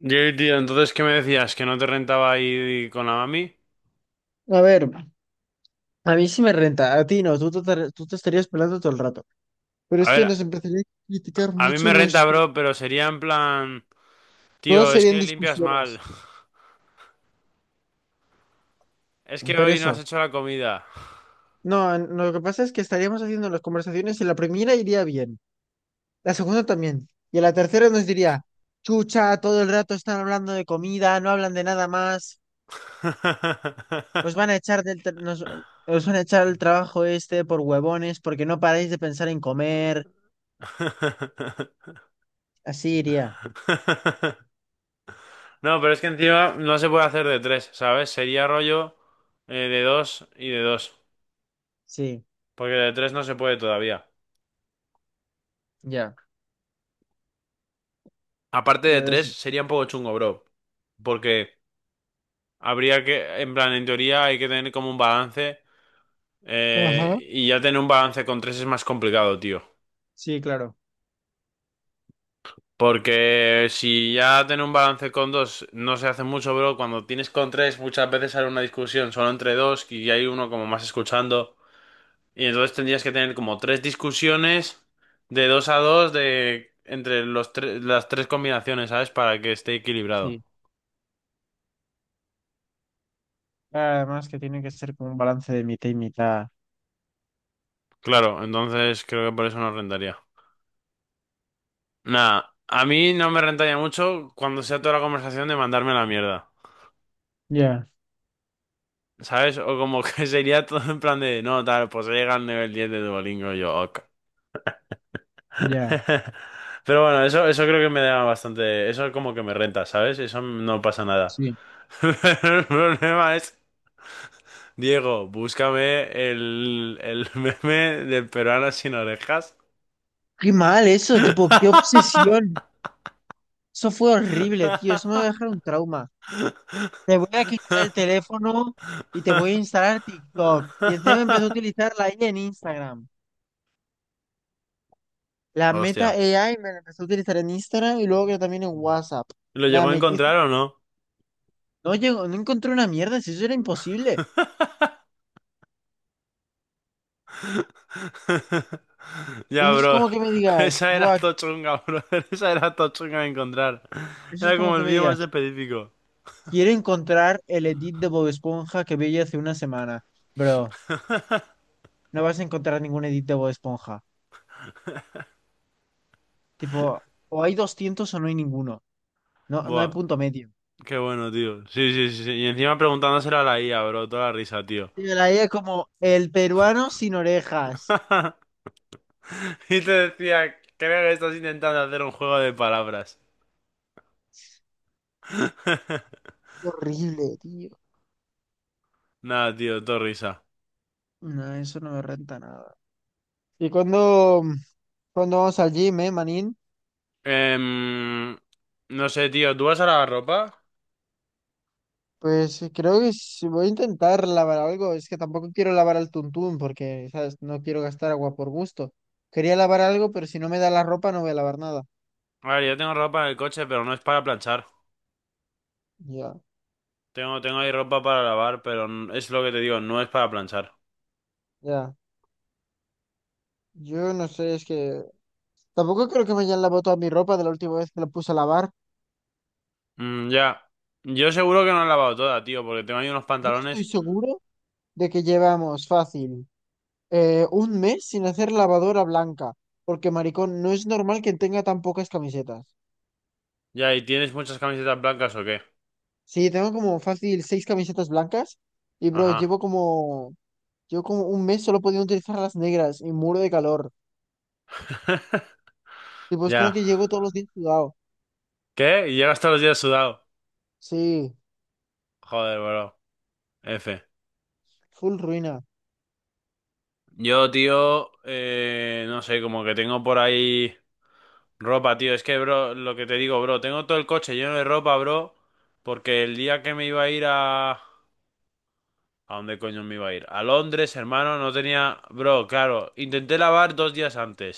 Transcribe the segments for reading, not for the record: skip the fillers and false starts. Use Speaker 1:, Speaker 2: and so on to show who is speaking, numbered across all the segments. Speaker 1: Yo, tío, entonces, ¿qué me decías? ¿Que no te rentaba ir con la mami?
Speaker 2: A ver, a mí sí me renta, a ti no, tú te estarías pelando todo el rato. Pero es
Speaker 1: A
Speaker 2: que
Speaker 1: ver,
Speaker 2: nos empezaría a criticar
Speaker 1: a mí
Speaker 2: mucho
Speaker 1: me renta,
Speaker 2: nuestro.
Speaker 1: bro, pero sería en plan,
Speaker 2: Todos
Speaker 1: tío, es
Speaker 2: serían
Speaker 1: que limpias mal.
Speaker 2: discusiones.
Speaker 1: Es que
Speaker 2: Pero
Speaker 1: hoy no
Speaker 2: eso,
Speaker 1: has hecho la comida.
Speaker 2: no, no, lo que pasa es que estaríamos haciendo las conversaciones y la primera iría bien, la segunda también, y a la tercera nos diría, chucha, todo el rato están hablando de comida, no hablan de nada más, os van a echar del, tra- nos, os van a echar el trabajo este por huevones porque no paráis de pensar en comer, así iría,
Speaker 1: No, pero es que encima no se puede hacer de tres, ¿sabes? Sería rollo de dos y de dos,
Speaker 2: sí,
Speaker 1: porque de tres no se puede todavía.
Speaker 2: ya.
Speaker 1: Aparte de tres,
Speaker 2: Eso.
Speaker 1: sería un poco chungo, bro, porque habría que, en plan, en teoría hay que tener como un balance.
Speaker 2: Ajá.
Speaker 1: Y ya tener un balance con tres es más complicado, tío.
Speaker 2: Sí, claro,
Speaker 1: Porque si ya tener un balance con dos no se hace mucho, bro. Cuando tienes con tres, muchas veces sale una discusión solo entre dos y hay uno como más escuchando. Y entonces tendrías que tener como tres discusiones de dos a dos de entre los tres, las tres combinaciones, ¿sabes? Para que esté equilibrado.
Speaker 2: sí. Además que tiene que ser como un balance de mitad y mitad.
Speaker 1: Claro, entonces creo que por eso no rentaría. Nada, a mí no me rentaría mucho cuando sea toda la conversación de mandarme a la mierda.
Speaker 2: Ya,
Speaker 1: ¿Sabes? O como que sería todo en plan de, no, tal, pues llega al nivel 10 de Duolingo y yo, ok.
Speaker 2: ya,
Speaker 1: Pero bueno, eso creo que me da bastante, eso como que me renta, ¿sabes? Eso no pasa nada.
Speaker 2: sí.
Speaker 1: Pero el problema es, Diego, búscame el meme del peruano sin orejas.
Speaker 2: Qué mal eso, tipo, qué obsesión. Eso fue horrible, tío. Eso me va a dejar un trauma. Te voy a quitar el teléfono y te voy a instalar TikTok. Y encima empecé a utilizar la IA en Instagram. La Meta
Speaker 1: Hostia.
Speaker 2: AI me la empecé a utilizar en Instagram y luego que también en WhatsApp.
Speaker 1: ¿Lo
Speaker 2: Nada,
Speaker 1: llegó a encontrar o no?
Speaker 2: no llegó, no encontré una mierda, si eso era imposible. Eso
Speaker 1: Ya,
Speaker 2: es
Speaker 1: bro.
Speaker 2: como que me digas,
Speaker 1: Esa era
Speaker 2: buah,
Speaker 1: tochunga, bro. Esa era tochunga de encontrar.
Speaker 2: eso es
Speaker 1: Era
Speaker 2: como
Speaker 1: como el
Speaker 2: que me
Speaker 1: vídeo más
Speaker 2: digas.
Speaker 1: específico.
Speaker 2: Quiero encontrar el edit de Bob Esponja que vi hace una semana. Bro, no vas a encontrar ningún edit de Bob Esponja. Tipo, o hay 200 o no hay ninguno. No, no hay
Speaker 1: Buah,
Speaker 2: punto medio.
Speaker 1: qué bueno, tío. Sí, sí, sí. Sí. Y encima preguntándoselo a la IA, bro. Toda la risa, tío.
Speaker 2: Tío, la idea como el peruano sin orejas.
Speaker 1: Y te decía, creo que estás intentando hacer un juego de palabras.
Speaker 2: Horrible, tío.
Speaker 1: Nada, tío, todo risa.
Speaker 2: No, eso no me renta nada. Y cuando vamos al gym, manín,
Speaker 1: Em, no sé, tío, ¿tú vas a lavar ropa?
Speaker 2: pues creo que sí voy a intentar lavar algo. Es que tampoco quiero lavar al tuntún porque, ¿sabes? No quiero gastar agua por gusto. Quería lavar algo, pero si no me da la ropa no voy a lavar nada.
Speaker 1: A ver, yo tengo ropa en el coche, pero no es para planchar.
Speaker 2: Ya,
Speaker 1: Tengo ahí ropa para lavar, pero es lo que te digo, no es para planchar.
Speaker 2: ya. Yo no sé, es que tampoco creo que me hayan lavado toda mi ropa de la última vez que la puse a lavar.
Speaker 1: Mm, ya. Yo seguro que no la he lavado toda, tío, porque tengo ahí unos
Speaker 2: Yo estoy
Speaker 1: pantalones.
Speaker 2: seguro de que llevamos fácil un mes sin hacer lavadora blanca, porque maricón, no es normal que tenga tan pocas camisetas.
Speaker 1: Ya, ¿y tienes muchas camisetas blancas o qué?
Speaker 2: Sí, tengo como fácil seis camisetas blancas y bro,
Speaker 1: Ajá.
Speaker 2: llevo como un mes solo pudiendo utilizar las negras y muro de calor. Y pues como
Speaker 1: Ya.
Speaker 2: que llego todos los días sudado.
Speaker 1: ¿Qué? ¿Y llegas todos los días sudado?
Speaker 2: Sí,
Speaker 1: Joder, bro. F.
Speaker 2: full ruina.
Speaker 1: Yo, tío, no sé, como que tengo por ahí ropa, tío. Es que, bro, lo que te digo, bro, tengo todo el coche lleno de ropa, bro, porque el día que me iba a ir a... ¿A dónde coño me iba a ir? A Londres, hermano, no tenía... Bro, claro, intenté lavar 2 días antes.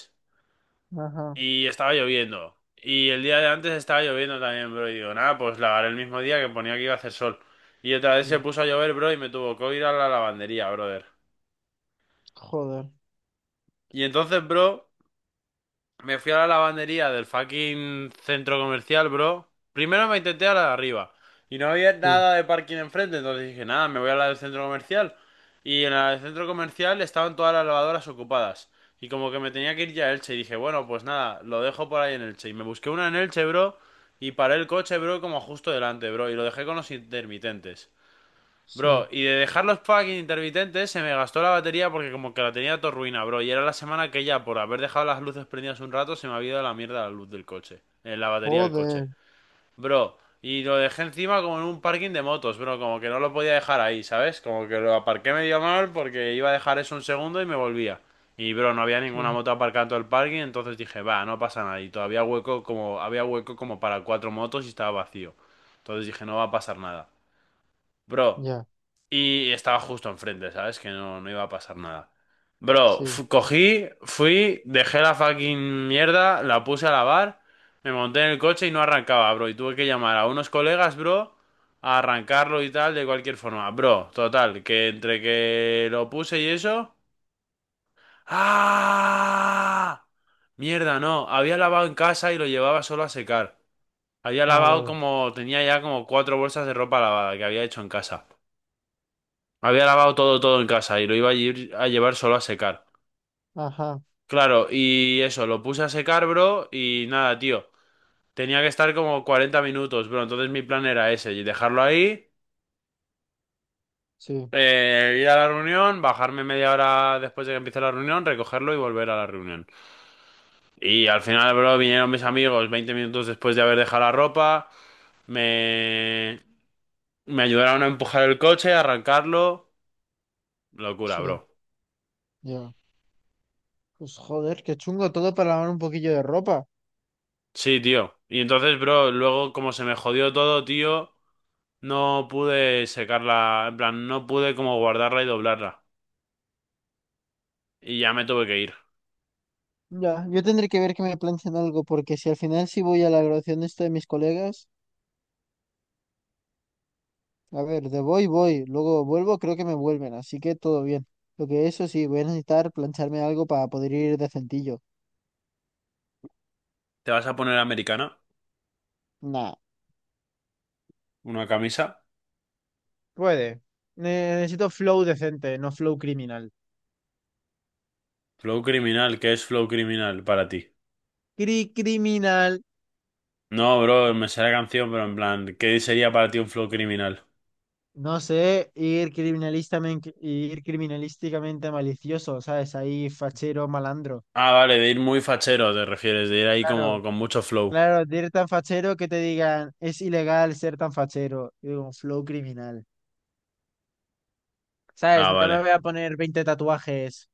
Speaker 2: Ajá,
Speaker 1: Y estaba lloviendo. Y el día de antes estaba lloviendo también, bro. Y digo, nada, pues lavaré el mismo día que ponía que iba a hacer sol. Y otra vez se
Speaker 2: sí.
Speaker 1: puso a llover, bro, y me tuvo que ir a la lavandería, brother.
Speaker 2: Joder,
Speaker 1: Y entonces, bro, me fui a la lavandería del fucking centro comercial, bro. Primero me intenté a la de arriba. Y no había
Speaker 2: sí,
Speaker 1: nada de parking enfrente, entonces dije, nada, me voy a la del centro comercial. Y en la del centro comercial estaban todas las lavadoras ocupadas. Y como que me tenía que ir ya a Elche, y dije, bueno, pues nada, lo dejo por ahí en Elche. Y me busqué una en Elche, bro, y paré el coche, bro, como justo delante, bro, y lo dejé con los intermitentes. Bro,
Speaker 2: sí.
Speaker 1: y de dejar los fucking intermitentes se me gastó la batería porque como que la tenía todo ruina, bro. Y era la semana que ya por haber dejado las luces prendidas un rato se me había ido la mierda la luz del coche. La batería del coche.
Speaker 2: Joder,
Speaker 1: Bro, y lo dejé encima como en un parking de motos, bro. Como que no lo podía dejar ahí, ¿sabes? Como que lo aparqué medio mal porque iba a dejar eso un segundo y me volvía. Y bro, no había
Speaker 2: sí,
Speaker 1: ninguna moto aparcada en todo el parking, entonces dije, va, no pasa nada. Y todavía hueco como, había hueco como para cuatro motos y estaba vacío. Entonces dije, no va a pasar nada. Bro.
Speaker 2: ya,
Speaker 1: Y estaba justo enfrente, ¿sabes? Que no, no iba a pasar nada. Bro,
Speaker 2: sí.
Speaker 1: cogí, fui, dejé la fucking mierda, la puse a lavar, me monté en el coche y no arrancaba, bro. Y tuve que llamar a unos colegas, bro, a arrancarlo y tal, de cualquier forma. Bro, total, que entre que lo puse y eso... ¡Ah! Mierda, no. Había lavado en casa y lo llevaba solo a secar. Había
Speaker 2: Ah,
Speaker 1: lavado
Speaker 2: vale.
Speaker 1: como... Tenía ya como cuatro bolsas de ropa lavada que había hecho en casa. Había lavado todo, todo en casa y lo iba a ir a llevar solo a secar.
Speaker 2: Ajá,
Speaker 1: Claro, y eso, lo puse a secar, bro, y nada, tío. Tenía que estar como 40 minutos, bro. Entonces mi plan era ese, y dejarlo ahí,
Speaker 2: sí,
Speaker 1: ir a la reunión, bajarme media hora después de que empiece la reunión, recogerlo y volver a la reunión. Y al final, bro, vinieron mis amigos 20 minutos después de haber dejado la ropa, me, me ayudaron a empujar el coche, a arrancarlo. Locura, bro.
Speaker 2: sí, ya. Pues joder, qué chungo todo para lavar un poquillo de ropa.
Speaker 1: Sí, tío. Y entonces, bro, luego como se me jodió todo, tío, no pude secarla, en plan, no pude como guardarla y doblarla. Y ya me tuve que ir.
Speaker 2: Ya, yo tendré que ver que me planchen algo, porque si al final sí voy a la graduación de esto de mis colegas, a ver, de voy, luego vuelvo, creo que me vuelven, así que todo bien. Lo que eso sí, voy a necesitar plancharme algo para poder ir decentillo.
Speaker 1: ¿Te vas a poner americana?
Speaker 2: Nah,
Speaker 1: ¿Una camisa?
Speaker 2: puede. Necesito flow decente, no flow criminal.
Speaker 1: Flow criminal, ¿qué es flow criminal para ti?
Speaker 2: Criminal.
Speaker 1: No, bro, me sé la canción, pero en plan, ¿qué sería para ti un flow criminal?
Speaker 2: No sé, ir criminalistamente, ir criminalísticamente malicioso, ¿sabes? Ahí fachero, malandro.
Speaker 1: Ah, vale, de ir muy fachero, te refieres, de ir ahí como
Speaker 2: Claro,
Speaker 1: con mucho flow.
Speaker 2: claro, de ir tan fachero que te digan, es ilegal ser tan fachero. Yo digo, flow criminal. ¿Sabes?
Speaker 1: Ah,
Speaker 2: No me
Speaker 1: vale.
Speaker 2: voy a poner 20 tatuajes.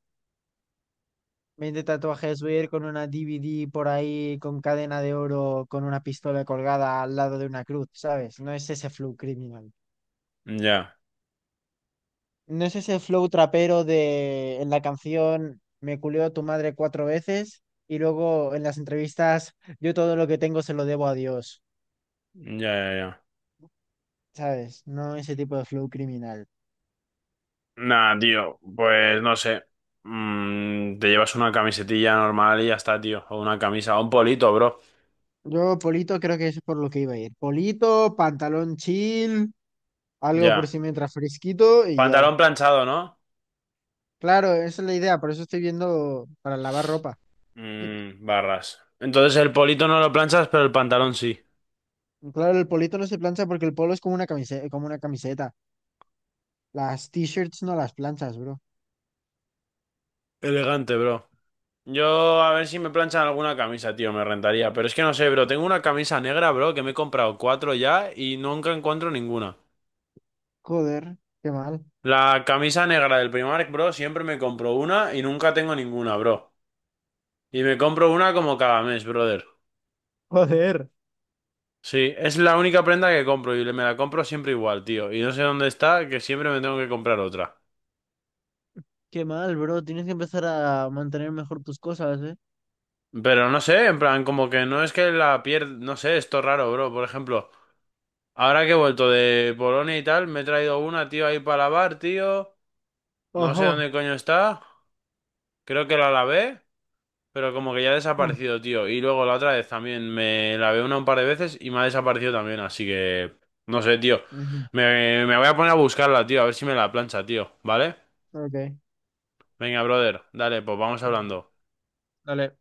Speaker 2: 20 tatuajes, voy a ir con una DVD por ahí, con cadena de oro, con una pistola colgada al lado de una cruz, ¿sabes? No es ese flow criminal.
Speaker 1: Ya,
Speaker 2: ¿No es ese flow trapero de en la canción Me culió tu madre cuatro veces y luego en las entrevistas yo todo lo que tengo se lo debo a Dios?
Speaker 1: ya, ya, ya.
Speaker 2: ¿Sabes? No ese tipo de flow criminal.
Speaker 1: Nah, tío, pues no sé. Mm, te llevas una camisetilla normal y ya está, tío. O una camisa, o un polito, bro.
Speaker 2: Yo, Polito, creo que es por lo que iba a ir. Polito, pantalón chill, algo por
Speaker 1: Ya.
Speaker 2: si me entra fresquito y ya.
Speaker 1: Pantalón planchado, ¿no?
Speaker 2: Claro, esa es la idea, por eso estoy viendo para lavar ropa.
Speaker 1: Mm, barras. Entonces el polito no lo planchas, pero el pantalón sí.
Speaker 2: Claro, el polito no se plancha porque el polo es como una camiseta, como una camiseta. Las t-shirts no las planchas, bro.
Speaker 1: Elegante, bro. Yo a ver si me planchan alguna camisa, tío, me rentaría. Pero es que no sé, bro. Tengo una camisa negra, bro, que me he comprado cuatro ya y nunca encuentro ninguna.
Speaker 2: Joder, qué mal.
Speaker 1: La camisa negra del Primark, bro, siempre me compro una y nunca tengo ninguna, bro. Y me compro una como cada mes, brother.
Speaker 2: Joder.
Speaker 1: Sí, es la única prenda que compro y me la compro siempre igual, tío. Y no sé dónde está, que siempre me tengo que comprar otra.
Speaker 2: Qué mal, bro. Tienes que empezar a mantener mejor tus cosas, ¿eh?
Speaker 1: Pero no sé, en plan, como que no es que la pierda, no sé, esto es raro, bro. Por ejemplo, ahora que he vuelto de Polonia y tal, me he traído una, tío, ahí para lavar, tío. No sé
Speaker 2: Ojo.
Speaker 1: dónde coño está. Creo que la lavé, pero como que ya ha
Speaker 2: Mm.
Speaker 1: desaparecido, tío. Y luego la otra vez también me lavé una un par de veces y me ha desaparecido también, así que... No sé, tío.
Speaker 2: Ujú,
Speaker 1: Me voy a poner a buscarla, tío, a ver si me la plancha, tío, ¿vale?
Speaker 2: ok.
Speaker 1: Venga, brother, dale, pues vamos
Speaker 2: Venga.
Speaker 1: hablando.
Speaker 2: Dale.